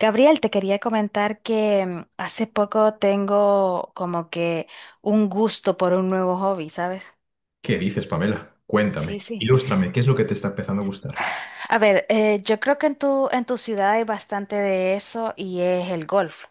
Gabriel, te quería comentar que hace poco tengo como que un gusto por un nuevo hobby, ¿sabes? ¿Qué dices, Pamela? Sí, Cuéntame, sí. ilústrame, ¿qué es lo que te está empezando a gustar? A ver, yo creo que en en tu ciudad hay bastante de eso y es el golf.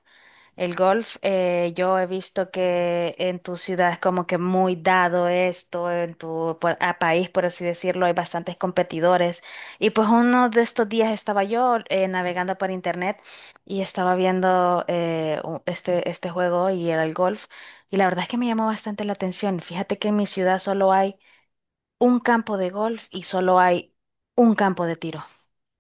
El golf, yo he visto que en tu ciudad es como que muy dado esto, en tu por- a país, por así decirlo, hay bastantes competidores. Y pues uno de estos días estaba yo navegando por internet y estaba viendo este juego y era el golf. Y la verdad es que me llamó bastante la atención. Fíjate que en mi ciudad solo hay un campo de golf y solo hay un campo de tiro.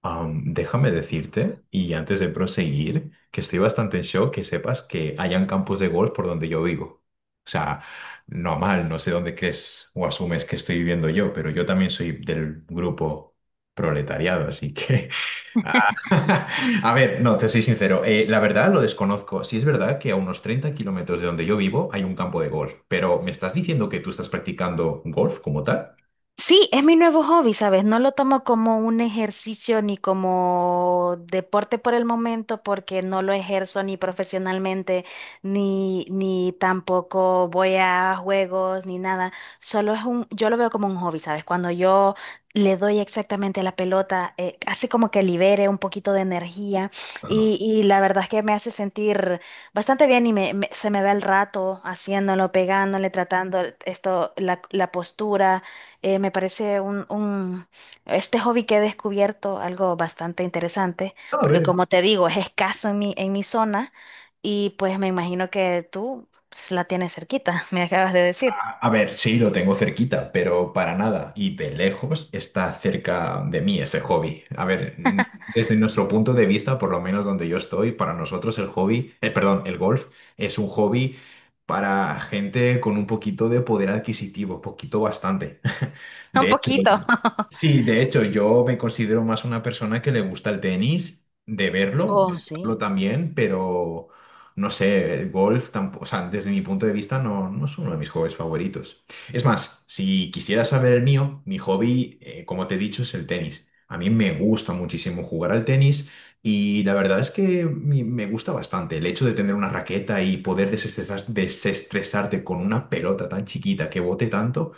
Déjame decirte, y antes de proseguir, que estoy bastante en shock que sepas que hayan campos de golf por donde yo vivo. O sea, normal, no sé dónde crees o asumes que estoy viviendo yo, pero yo también soy del grupo proletariado, así que. Ah, A ver, no, te soy sincero, la verdad lo desconozco. Sí es verdad que a unos 30 kilómetros de donde yo vivo hay un campo de golf, pero ¿me estás diciendo que tú estás practicando golf como tal? Sí, es mi nuevo hobby, ¿sabes? No lo tomo como un ejercicio ni como deporte por el momento porque no lo ejerzo ni profesionalmente, ni tampoco voy a juegos, ni nada. Yo lo veo como un hobby, ¿sabes? Cuando yo le doy exactamente la pelota, hace como que libere un poquito de energía Ah. y la verdad es que me hace sentir bastante bien y se me ve el rato haciéndolo, pegándole, tratando esto, la postura. Me parece este hobby que he descubierto algo bastante interesante, A porque ver. como te digo, es escaso en en mi zona y pues me imagino que tú pues, la tienes cerquita, me acabas de decir. A ver, sí, lo tengo cerquita, pero para nada. Y de lejos está cerca de mí ese hobby. A ver, desde nuestro punto de vista, por lo menos donde yo estoy, para nosotros el hobby, perdón, el golf es un hobby para gente con un poquito de poder adquisitivo, poquito bastante. Un De hecho, poquito. sí, de hecho, yo me considero más una persona que le gusta el tenis, de verlo, de Oh, sí. jugarlo también, pero. No sé, el golf tampoco, o sea, desde mi punto de vista no es uno de mis hobbies favoritos. Es más, si quisieras saber el mío, mi hobby, como te he dicho, es el tenis. A mí me gusta muchísimo jugar al tenis y la verdad es que me gusta bastante el hecho de tener una raqueta y poder desestresarte con una pelota tan chiquita que bote tanto.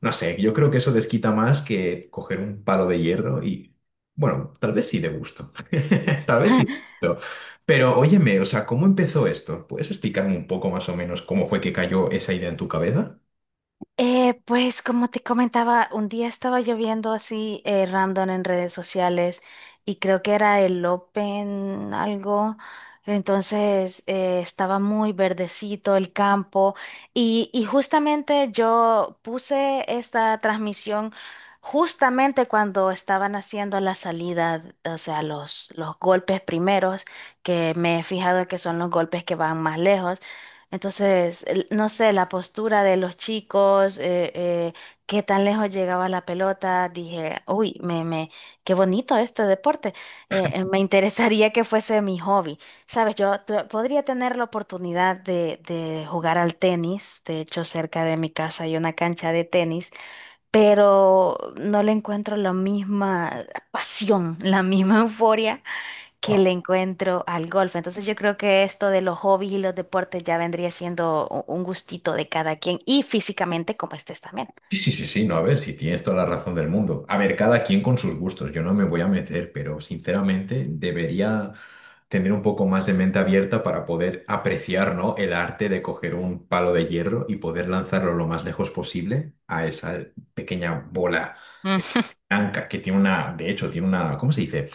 No sé, yo creo que eso desquita más que coger un palo de hierro y, bueno, tal vez sí de gusto. Tal vez sí de gusto. Pero óyeme, o sea, ¿cómo empezó esto? ¿Puedes explicarme un poco más o menos cómo fue que cayó esa idea en tu cabeza? Pues como te comentaba, un día estaba lloviendo así random en redes sociales y creo que era el Open algo, entonces estaba muy verdecito el campo y justamente yo puse esta transmisión justamente cuando estaban haciendo la salida, o sea, los golpes primeros, que me he fijado que son los golpes que van más lejos. Entonces, no sé, la postura de los chicos, qué tan lejos llegaba la pelota, dije, uy, qué bonito este deporte, me interesaría que fuese mi hobby. Sabes, yo podría tener la oportunidad de jugar al tenis, de hecho, cerca de mi casa hay una cancha de tenis, pero no le encuentro la misma pasión, la misma euforia que le encuentro al golf. Entonces yo creo que esto de los hobbies y los deportes ya vendría siendo un gustito de cada quien y físicamente como estés también. Sí, sí, sí, sí, no, a ver, si tienes toda la razón del mundo. A ver, cada quien con sus gustos, yo no me voy a meter, pero sinceramente debería tener un poco más de mente abierta para poder apreciar, ¿no? El arte de coger un palo de hierro y poder lanzarlo lo más lejos posible a esa pequeña bola de Ujú. blanca que tiene una, de hecho, tiene una, ¿cómo se dice?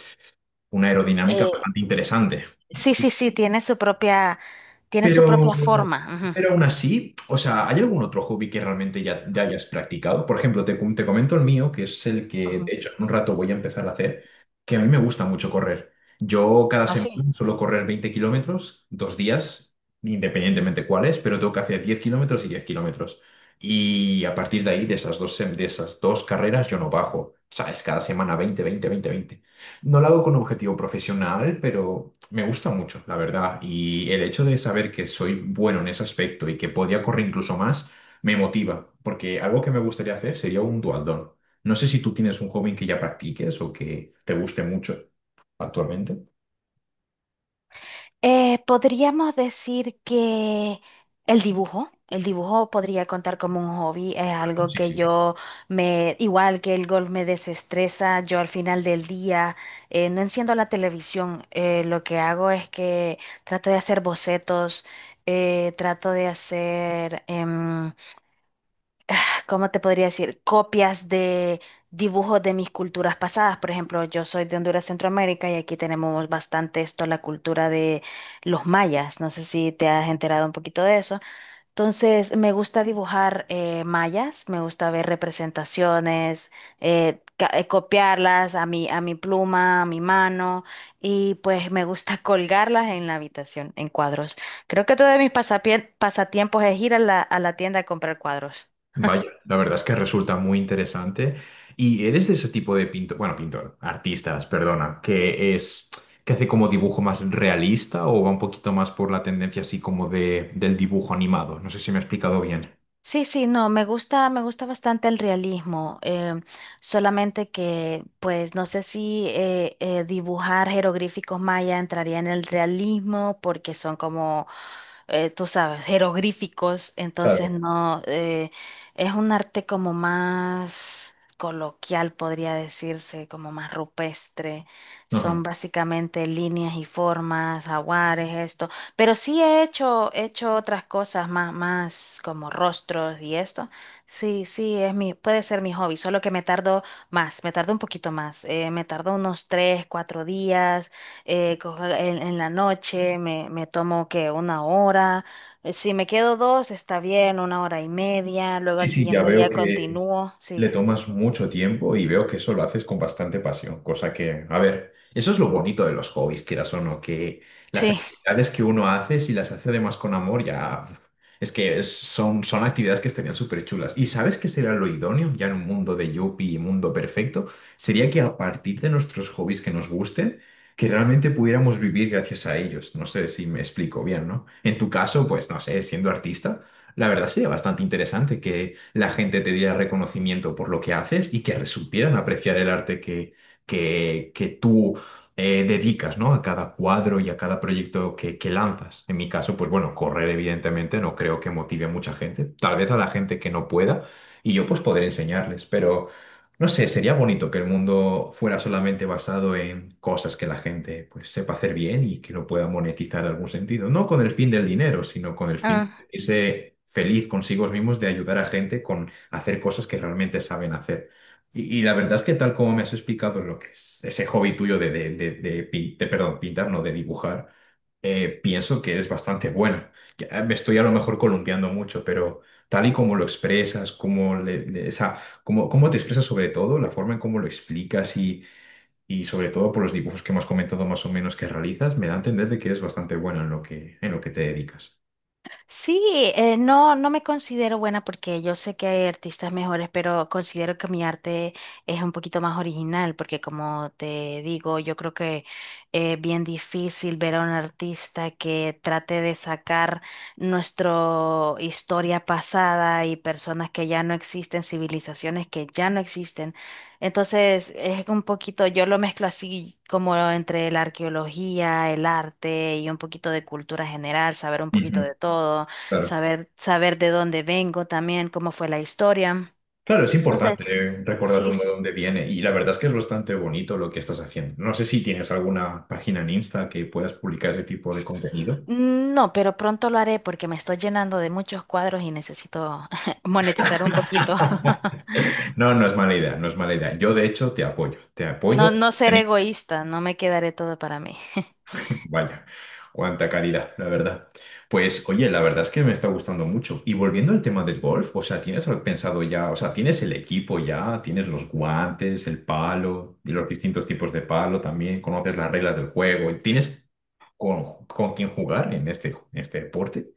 Una aerodinámica Eh, bastante interesante. sí, sí, sí, tiene su Pero, propia forma. pero aún así, o sea, ¿hay algún otro hobby que realmente ya hayas practicado? Por ejemplo, te comento el mío, que es el que Ujú, de ujú. hecho en un rato voy a empezar a hacer, que a mí me gusta mucho correr. Yo cada Oh, sí. semana suelo correr 20 kilómetros, dos días, independientemente cuáles, pero tengo que hacer 10 kilómetros y 10 kilómetros. Y a partir de ahí, de esas dos carreras, yo no bajo. ¿Sabes? Cada semana 20 20 20 20 no lo hago con objetivo profesional, pero me gusta mucho, la verdad. Y el hecho de saber que soy bueno en ese aspecto y que podría correr incluso más, me motiva, porque algo que me gustaría hacer sería un dualdón. No sé si tú tienes un hobby que ya practiques o que te guste mucho actualmente. Podríamos decir que el dibujo podría contar como un hobby, es algo Sí, que sí. yo igual que el golf me desestresa, yo al final del día no enciendo la televisión, lo que hago es que trato de hacer bocetos, trato de hacer ¿cómo te podría decir? Copias de dibujos de mis culturas pasadas. Por ejemplo, yo soy de Honduras, Centroamérica, y aquí tenemos bastante esto, la cultura de los mayas. No sé si te has enterado un poquito de eso. Entonces, me gusta dibujar mayas, me gusta ver representaciones, copiarlas a a mi pluma, a mi mano, y pues me gusta colgarlas en la habitación, en cuadros. Creo que todo de mis pasatiempos es ir a a la tienda a comprar cuadros. Vaya, la verdad es que resulta muy interesante. ¿Y eres de ese tipo de pintor, bueno, pintor, artistas, perdona, que hace como dibujo más realista o va un poquito más por la tendencia así como de del dibujo animado? No sé si me he explicado bien. Sí, sí, no, me gusta bastante el realismo, solamente que, pues, no sé si dibujar jeroglíficos maya entraría en el realismo porque son como tú sabes, jeroglíficos, entonces Claro. no, es un arte como más coloquial, podría decirse, como más rupestre. Son Ajá. básicamente líneas y formas, jaguares, esto. Pero sí he hecho otras cosas más, más como rostros y esto. Sí, sí, es mi, puede ser mi hobby, solo que me tardo más, me tardo un poquito más, me tardo unos tres, cuatro días cojo en la noche me tomo que una hora, si me quedo dos está bien, una hora y media, luego al Sí, sí, ya siguiente veo día que continúo, le sí, tomas mucho tiempo y veo que eso lo haces con bastante pasión, cosa que, a ver, eso es lo bonito de los hobbies, quieras o no, que las sí, actividades que uno hace, si las hace además con amor, ya es que son actividades que estarían súper chulas. ¿Y sabes qué sería lo idóneo ya en un mundo de yuppie y mundo perfecto? Sería que a partir de nuestros hobbies que nos gusten, que realmente pudiéramos vivir gracias a ellos. No sé si me explico bien, ¿no? En tu caso, pues no sé, siendo artista. La verdad sería bastante interesante que la gente te diera reconocimiento por lo que haces y que supieran apreciar el arte que tú dedicas, ¿no? A cada cuadro y a cada proyecto que lanzas. En mi caso, pues bueno, correr evidentemente no creo que motive a mucha gente, tal vez a la gente que no pueda y yo pues poder enseñarles, pero no sé, sería bonito que el mundo fuera solamente basado en cosas que la gente pues sepa hacer bien y que lo pueda monetizar en algún sentido, no con el fin del dinero, sino con el fin sentirse feliz consigo mismos de ayudar a gente con hacer cosas que realmente saben hacer. Y la verdad es que tal como me has explicado lo que es ese hobby tuyo de perdón, pintar, no, de dibujar, pienso que eres bastante buena. Ya me estoy a lo mejor columpiando mucho, pero tal y como lo expresas, como o sea, cómo te expresas sobre todo, la forma en cómo lo explicas y sobre todo por los dibujos que me has comentado más o menos que realizas, me da a entender de que eres bastante buena en lo que te dedicas. sí, no, no me considero buena porque yo sé que hay artistas mejores, pero considero que mi arte es un poquito más original, porque como te digo, yo creo que es bien difícil ver a un artista que trate de sacar nuestra historia pasada y personas que ya no existen, civilizaciones que ya no existen. Entonces, es un poquito, yo lo mezclo así como entre la arqueología, el arte y un poquito de cultura general, saber un poquito Ujú, de todo, claro. Saber de dónde vengo también, cómo fue la historia. Claro, es Entonces, importante recordar de sí, dónde, sí. dónde viene y la verdad es que es bastante bonito lo que estás haciendo. No sé si tienes alguna página en Insta que puedas publicar ese tipo de contenido. No, pero pronto lo haré porque me estoy llenando de muchos cuadros y necesito monetizar un poquito. No, no es mala idea, no es mala idea. Yo de hecho te apoyo, te No, apoyo. no ser egoísta, no me quedaré todo para mí. Vaya, cuánta calidad, la verdad. Pues oye, la verdad es que me está gustando mucho. Y volviendo al tema del golf, o sea, ¿tienes algo pensado ya? O sea, ¿tienes el equipo ya? ¿Tienes los guantes, el palo y los distintos tipos de palo también? ¿Conoces las reglas del juego? ¿Tienes con quién jugar en este deporte?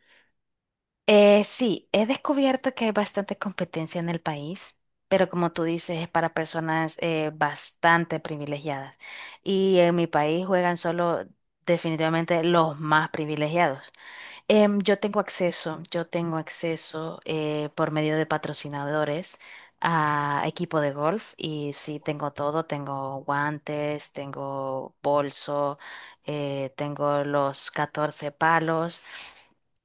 Sí, he descubierto que hay bastante competencia en el país, pero como tú dices, es para personas bastante privilegiadas. Y en mi país juegan solo definitivamente los más privilegiados. Yo tengo acceso por medio de patrocinadores a equipo de golf y sí, tengo todo, tengo guantes, tengo bolso, tengo los 14 palos.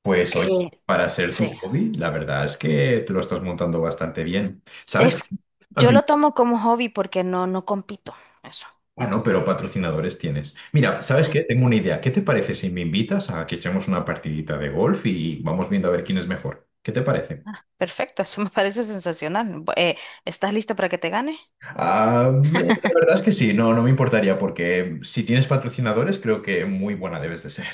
Pues Eh, oye, para ser sí. tu hobby, la verdad es que te lo estás montando bastante bien. ¿Sabes qué? Es, Ah, yo dime. lo tomo como hobby porque no, no compito. Eso. Ah, no, pero patrocinadores tienes. Mira, ¿sabes qué? Tengo una idea. ¿Qué te parece si me invitas a que echemos una partidita de golf y vamos viendo a ver quién es mejor? ¿Qué te parece? Perfecto, eso me parece sensacional. ¿Estás lista para que te gane? Ah, la verdad es que sí, no me importaría porque si tienes patrocinadores creo que muy buena debes de ser.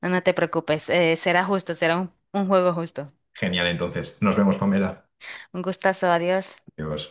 No, no te preocupes, será justo, será un juego justo. Genial, entonces. Nos vemos, Pamela. Un gustazo, adiós. Adiós.